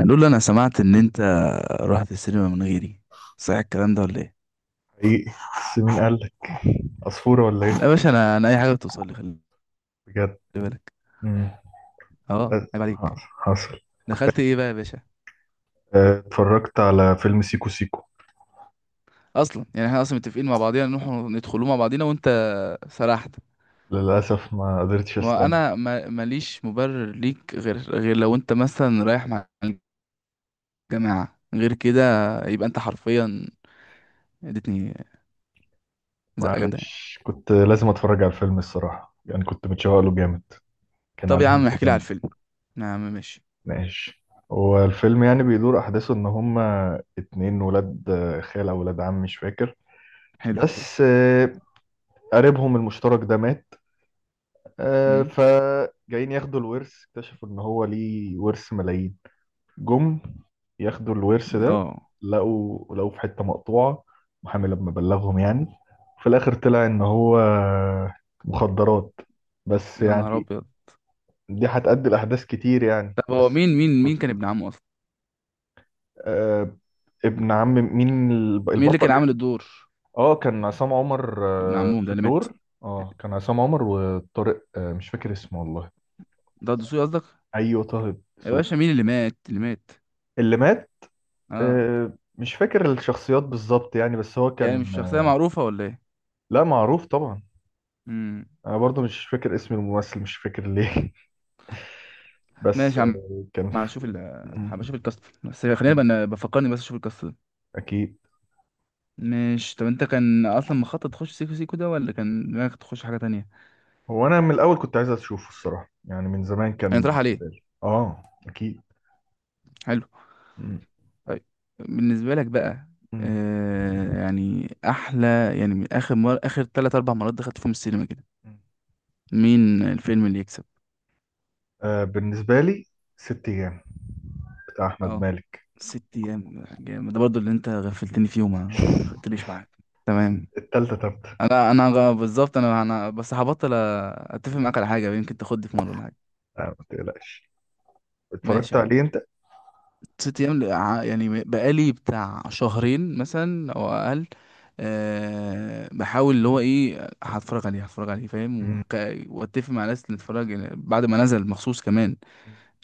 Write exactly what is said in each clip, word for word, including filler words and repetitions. هنقول له انا سمعت ان انت رحت السينما من غيري. صحيح الكلام ده ولا ايه؟ حقيقي. بس مين قال لك؟ عصفورة ولا ايه؟ لا يا باشا، انا انا اي حاجه بتوصل لي خلي بجد؟ بالك. مم. اه، أ- عيب عليك. حصل. دخلت ايه بقى يا باشا؟ أه، اتفرجت على فيلم سيكو سيكو. اصلا يعني احنا اصلا متفقين مع بعضينا نروح ندخلوه مع بعضينا وانت سرحت. للأسف ما قدرتش استنى. وانا ما- ماليش مبرر ليك غير غير لو انت مثلا رايح مع الجماعه، غير كده يبقى انت حرفيا اديتني زقه جامده يعني. معلش كنت لازم اتفرج على الفيلم الصراحة، يعني كنت متشوق له جامد. كان طب يا عليه عم لسه احكي لي على جامد. الفيلم. يا عم ماشي. ماشي. هو الفيلم يعني بيدور أحداثه إن هما اتنين ولاد، آه، خال أو ولاد عم مش فاكر. حلو. بس آه، قريبهم المشترك ده مات. آه، أمم. فجايين ياخدوا الورث، اكتشفوا إن هو ليه ورث ملايين. جم ياخدوا الورث ده. اه، لقوا لقوا في حتة مقطوعة محامي لما بلغهم يعني. في الآخر طلع إن هو مخدرات. بس يا نهار يعني ابيض. دي هتأدي لأحداث كتير يعني طب هو بس. مين مين مين كان ابن عمه اصلا؟ آه، ابن عم مين؟ الب- مين اللي كان البطل عامل يعني. الدور؟ اه، كان عصام عمر ابن آه عمهم في ده اللي مات؟ الدور. اه، كان عصام عمر وطارق، آه مش فاكر اسمه والله. ده الدسوقي قصدك؟ ايوه، طه يا دسوقي. باشا مين اللي مات، اللي مات؟ اللي مات. اه. آه، مش فاكر الشخصيات بالظبط يعني. بس هو يعني كان، مش شخصيه آه، معروفه ولا ايه؟ لا، معروف طبعا. امم. انا برضو مش فاكر اسم الممثل، مش فاكر ليه. ماشي بس يا عم. آه، كان هبقى اشوف في... ال هبقى اشوف مم. الكاست، بس خلينا بقى ن- بفكرني بس اشوف الكاست ده. اكيد. ماشي. طب انت كان اصلا مخطط تخش سيكو سيكو ده ولا كان دماغك تخش حاجه تانية؟ هو انا من الاول كنت عايز اشوفه الصراحه، يعني من زمان يعني طرح كان في عليه. بالي. اه، اكيد. حلو. مم. طيب. بالنسبه لك بقى، مم. آه يعني احلى. يعني من اخر مر... اخر ثلاث اربع مرات دخلت فيهم السينما كده، مم. مين الفيلم اللي يكسب؟ آه، بالنسبه لي ست ايام بتاع احمد اه. مالك. ست ايام جامد ده برضو اللي انت غفلتني فيه وما خدتليش معاك. تمام. التالتة تالتة. انا انا غ- بالظبط، انا انا بس هبطل أ- اتفق معاك على حاجه يمكن تاخدني في مره ولا حاجه. آه، ما تقلقش. ماشي اتفرجت يا عم. عليه انت؟ ست ايام، ل- ع- يعني بقالي بتاع شهرين مثلا او اقل. أه بحاول اللي هو ايه هتفرج عليه، هتفرج عليه فاهم. مم. وك- واتفق مع ناس اللي اتفرج بعد ما نزل مخصوص كمان،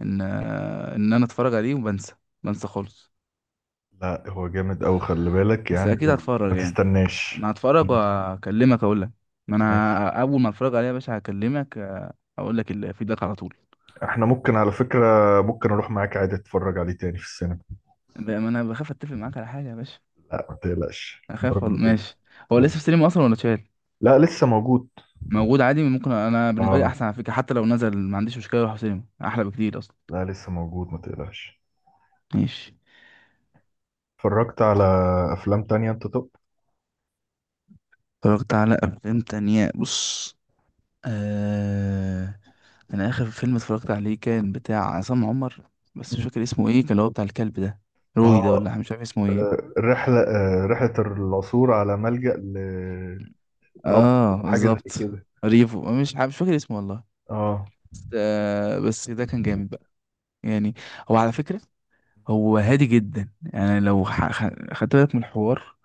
ان آه، ان انا اتفرج عليه وبنسى. بنسى خالص. لا، هو جامد أوي خلي بالك بس يعني، اكيد هتفرج وما يعني. تستناش. انا هتفرج وهكلمك اقول لك. ما انا اول ما اتفرج عليها يا باشا هكلمك، آه، اقول لك الفيدباك على طول. احنا ممكن على فكرة، ممكن اروح معاك عادي اتفرج عليه تاني في السينما. لا، ما انا بخاف اتفق معاك على حاجه يا باشا. لا، ما تقلقش اخاف ولا المرة دي. ماشي. هو المرة لسه في دي. سينما اصلا ولا اتشال؟ لا، لسه موجود. موجود عادي ممكن. انا بالنسبه لي اه، احسن على فكره، حتى لو نزل ما عنديش مشكله اروح سينما احلى بكتير اصلا. لا، لسه موجود ما تقلقش. ماشي. اتفرجت على افلام تانية انت طب؟ اتفرجت على افلام تانية؟ بص، آه... انا اخر فيلم اتفرجت عليه كان بتاع عصام عمر، بس مش مم. فاكر اسمه ايه، كان اللي هو بتاع الكلب ده. روي ده، اه، ولا مش عارف اسمه ايه. رحلة آه رحلة العثور على ملجأ لرب. اه حاجة زي بالظبط. كده. ريفو، مش ح- مش فاكر اسمه والله. اه. بس آه، بس ده كان جامد بقى يعني. هو على فكرة هو هادي جدا يعني، لو ح- خ- خدت بالك من الحوار،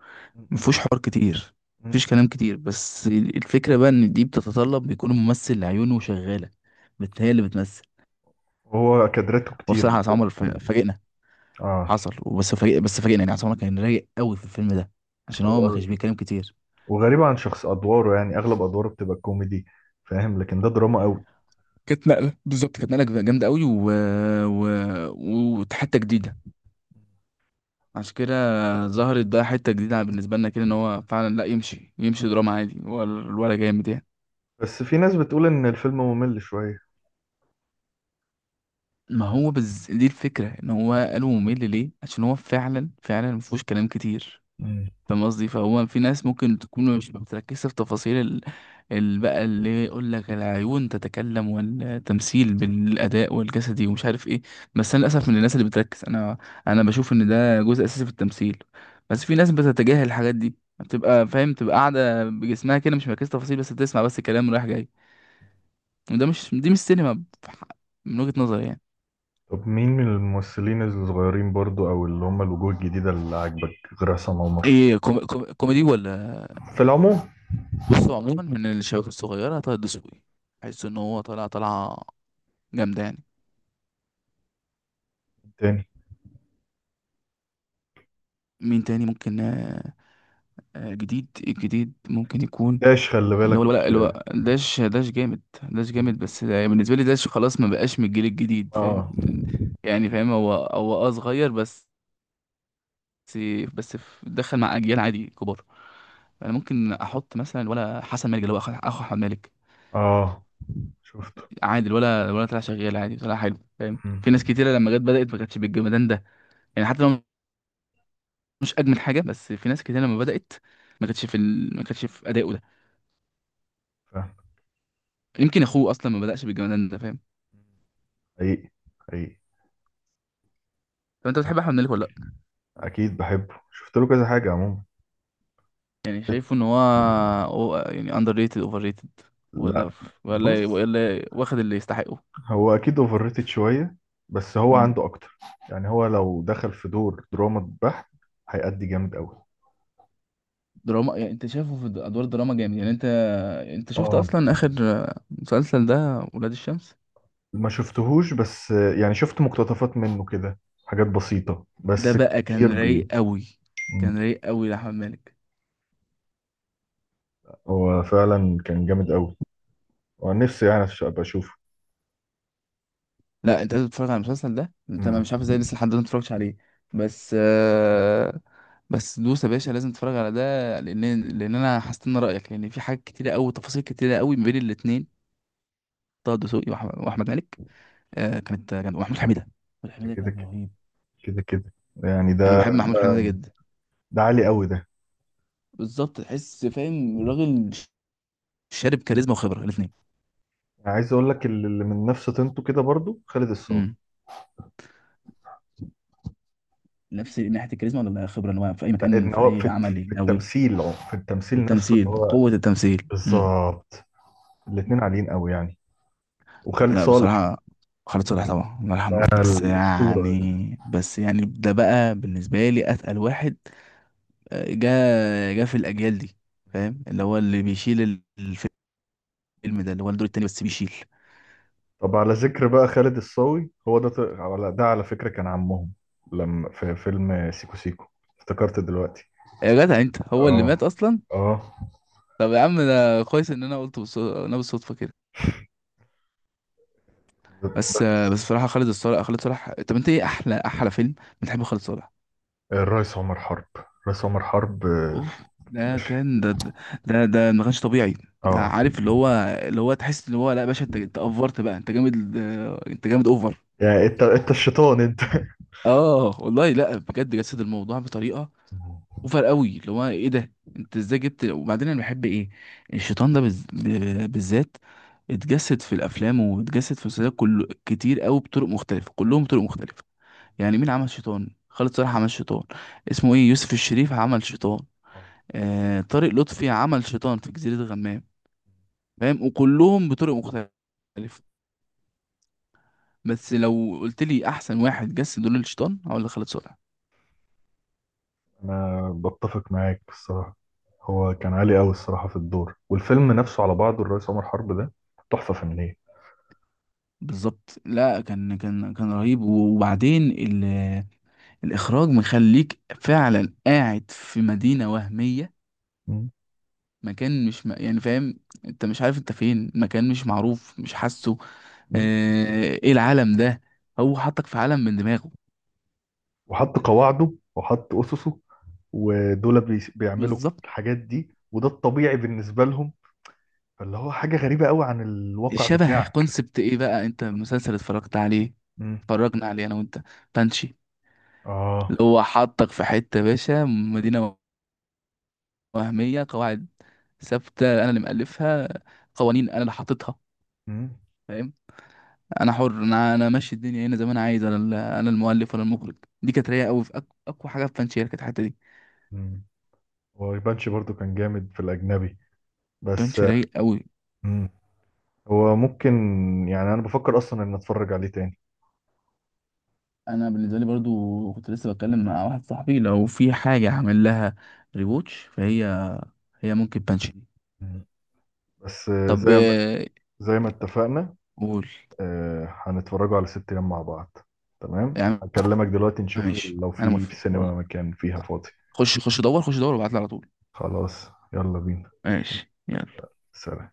مفهوش حوار كتير. مم. مفيش كلام كتير، بس الفكرة بقى ان دي بتتطلب بيكون الممثل عيونه شغالة، بت- هي اللي بتمثل. هو كادرته كتير. وبصراحة عصام عمر ف- فاجئنا. اه، حصل وبس فاجئ، بس فاجئنا يعني. عصام عمر كان رايق قوي في الفيلم ده عشان هو ما كانش و- بيتكلم كتير. وغريبة عن شخص ادواره، يعني اغلب ادواره بتبقى كوميدي. فاهم، لكن ده دراما قوي. كانت نقلة، بالظبط، كانت نقلة جامدة قوي و... و... وحتة جديدة. عشان كده ظهرت بقى حتة جديدة بالنسبة لنا كده، ان هو فعلا لا يمشي، يمشي دراما عادي. هو ال- الولا جامد يعني. بس في ناس بتقول ان الفيلم ممل شوية. ما هو بز... دي الفكرة، ان هو قالوا ممل ليه؟ عشان هو فعلا فعلا مفهوش كلام كتير. مم. فاهم قصدي؟ فهو في ناس ممكن تكون مش بتركز في تفاصيل ال... ال- بقى اللي يقول لك العيون تتكلم والتمثيل بالاداء والجسدي ومش عارف ايه. بس انا للاسف من الناس اللي بتركز. انا انا بشوف ان ده جزء اساسي في التمثيل. بس في ناس بتتجاهل الحاجات دي، بتبقى فاهم تبقى قاعده بجسمها كده مش مركزه تفاصيل، بس بتسمع بس كلام رايح جاي. وده مش، دي مش سينما في ح- من وجهة نظري يعني. طب مين من الممثلين الصغيرين برضو، او اللي هم الوجوه الجديدة اللي عاجبك غير عصام عمر ايه، كوم... كوم... كوميدي ولا؟ في العموم؟ بصوا عموما، من الشباب الصغيره طه الدسوقي، بحس ان هو طالع طالعه جامدة يعني. تاني؟ مين تاني ممكن؟ آه، آه، جديد الجديد ممكن يكون. داش، خلي اللي هو بالك. لا، اللي هو داش داش جامد، داش جامد، بس ده- بالنسبة لي داش خلاص ما بقاش من الجيل الجديد فاهم. اه، يعني فاهم هو هو اه صغير بس، بس في- دخل مع أجيال عادي كبار. انا ممكن احط مثلا ولا حسن مالك اللي هو اخو أخو احمد مالك، اه، شفته. عادي. الولا الولا طلع شغال عادي، طلع حلو، فاهم. مم. في ناس كتيره لما جت بدات ما كانتش بالجمدان ده يعني. حتى لو مش اجمل حاجه، بس في ناس كتيره لما بدات ما كانتش في ال... ما كانتش في ادائه ده. فاهم. يمكن اخوه اصلا ما بدأش بالجمدان ده فاهم. حقيقي. حقيقي. طب انت بتحب احمد مالك ولا لا؟ اكيد بحبه، شفت له كذا حاجة عموما. يعني شايفه ان هو، هو يعني اندر ريتد، اوفر ريتد ولا، لا. بص، ولا ولا واخد اللي يستحقه؟ هو اكيد اوفر ريتد شوية بس هو مم. عنده اكتر. يعني هو لو دخل في دور دراما بحت هيأدي جامد قوي. دراما يعني؟ انت شايفه في ادوار دراما جامد يعني؟ انت انت شفت اه، اصلا اخر مسلسل ده، ولاد الشمس؟ ما شفتهوش بس يعني شفت مقتطفات منه كده. حاجات بسيطة ده بس. بقى كتير كان رايق بي. قوي. مم. كان رايق قوي لاحمد مالك. هو فعلا كان جامد قوي. ونفسي يعني أش- ابقى اشوفه. لا انت لازم تتفرج على المسلسل ده. انت ما مم. مش عارف ازاي لسه لحد دلوقتي ما اتفرجتش عليه. بس آه بس دوس يا باشا لازم تتفرج على ده. لان لان انا هستنى رايك، لان في حاجات كتيره قوي، تفاصيل كتيره قوي ما بين الاثنين، طه دسوقي وأح- واحمد مالك. آه كانت كان ومحمود حميده. محمود حميده كده كان كده. رهيب. كده كده. يعني ده انا بحب محمود حميده ده جدا. ده عالي قوي ده. بالظبط، تحس فاهم راجل شارب كاريزما وخبره الاثنين. انا عايز اقول لك اللي اللي من نفس طينته كده برضو خالد الصاوي. امم. نفس ناحيه الكاريزما ولا خبره ان هو في اي لا، مكان ان في هو اي في في عمل قوي؟ التمثيل، اه في التمثيل نفسه اللي التمثيل، هو. قوه التمثيل. بالظبط. الاتنين عاليين قوي يعني. وخالد لا صالح. بصراحة، خالد صالح طبعا الله يرحمه ده بقى، بس الاسطورة. يعني بس يعني ده بقى بالنسبة لي أتقل واحد. آه، جا جا في الأجيال دي فاهم. اللي هو اللي بيشيل ال- الفيلم ده، اللي هو الدور التاني بس بيشيل. طب على ذكر بقى خالد الصاوي، هو ده، ط- على ده على فكرة كان عمهم لما في فيلم سيكو سيكو افتكرت دلوقتي. يا جدع أنت، هو اللي اه، مات أصلا. اه، طب يا عم ده كويس إن أنا قلت بالص- أنا بالصدفة كده. بس آه، بس بصراحة، خالد الصالح، خالد صالح، طب أنت إيه أحلى أحلى فيلم بتحبه خالد صالح؟ الرئيس عمر حرب. الرئيس عمر حرب. آه، اوف ده باشا. كان ده، ده ده ما كانش طبيعي. ده اه. عارف اللي هو، اللي هو تحس اللي هو، لا يا باشا انت انت افرت بقى، انت جامد، آه، انت جامد اوفر. يعني انت انت الشيطان انت. اه والله، لا بجد جسد الموضوع بطريقه مم. اوفر قوي، اللي هو ايه ده انت ازاي جبت. وبعدين انا بحب ايه الشيطان ده بز... ب- بالذات، اتجسد في الافلام واتجسد في المسلسلات كله كتير قوي بطرق مختلفه، كلهم بطرق مختلفه. يعني مين عمل شيطان؟ خالد صالح عمل شيطان، اسمه ايه يوسف الشريف عمل شيطان، آه. آه طارق لطفي عمل شيطان في جزيرة غمام، فاهم، وكلهم بطرق مختلفة. بس لو قلت لي احسن واحد جس دور الشيطان هقول لك خالد صالح. انا بتفق معاك الصراحة. هو كان عالي قوي الصراحة في الدور، والفيلم نفسه على بعضه الرئيس عمر حرب ده تحفة فنية. بالظبط. لا كان، كان كان رهيب. وبعدين ال- الاخراج مخليك فعلا قاعد في مدينة وهمية. مم. مكان مش م... يعني فاهم انت مش عارف انت فين، مكان مش معروف، مش حاسه. مم. آه، ايه العالم ده. هو حطك في عالم من دماغه. وحط قواعده، وحط أسسه، ودول بي- بيعملوا بالظبط. الحاجات دي، وده الطبيعي بالنسبة لهم. فاللي هو حاجة غريبة قوي عن الواقع شبه بتاعك. كونسبت ايه بقى، انت مسلسل اتفرجت عليه، امم. اتفرجنا عليه انا وانت، بانشي. اللي اه. هو حطك في حتة يا باشا، مدينة وهمية، قواعد ثابتة انا اللي مألفها، قوانين انا اللي حاططها، امم. فاهم. انا حر، انا انا ماشي الدنيا هنا زي ما انا عايز. انا ال- انا المؤلف ولا المخرج. دي كانت رايقة قوي في أك- اقوى حاجة في بانشي، هي كانت الحتة دي. امم. هو يبانش برضو كان جامد في الأجنبي بس. بانشي رايق قوي. امم. هو ممكن، يعني أنا بفكر أصلا إن أتفرج عليه تاني. انا بالنسبة لي برضو كنت لسه بتكلم مع واحد صاحبي، لو في حاجة هعمل لها ريوتش فهي، هي ممكن بانشي. مم. بس آه، طب زي ما آه، زي ما اتفقنا. قول. آه، هنتفرجوا على ست أيام مع بعض. تمام، يا عم هكلمك دلوقتي نشوف. ماشي، لو انا في في موافق والله. السينما مكان فيها فاضي. خش، خش دور، خش دور، وابعت لي على طول. خلاص. يلا بينا. ماشي يلا. سلام.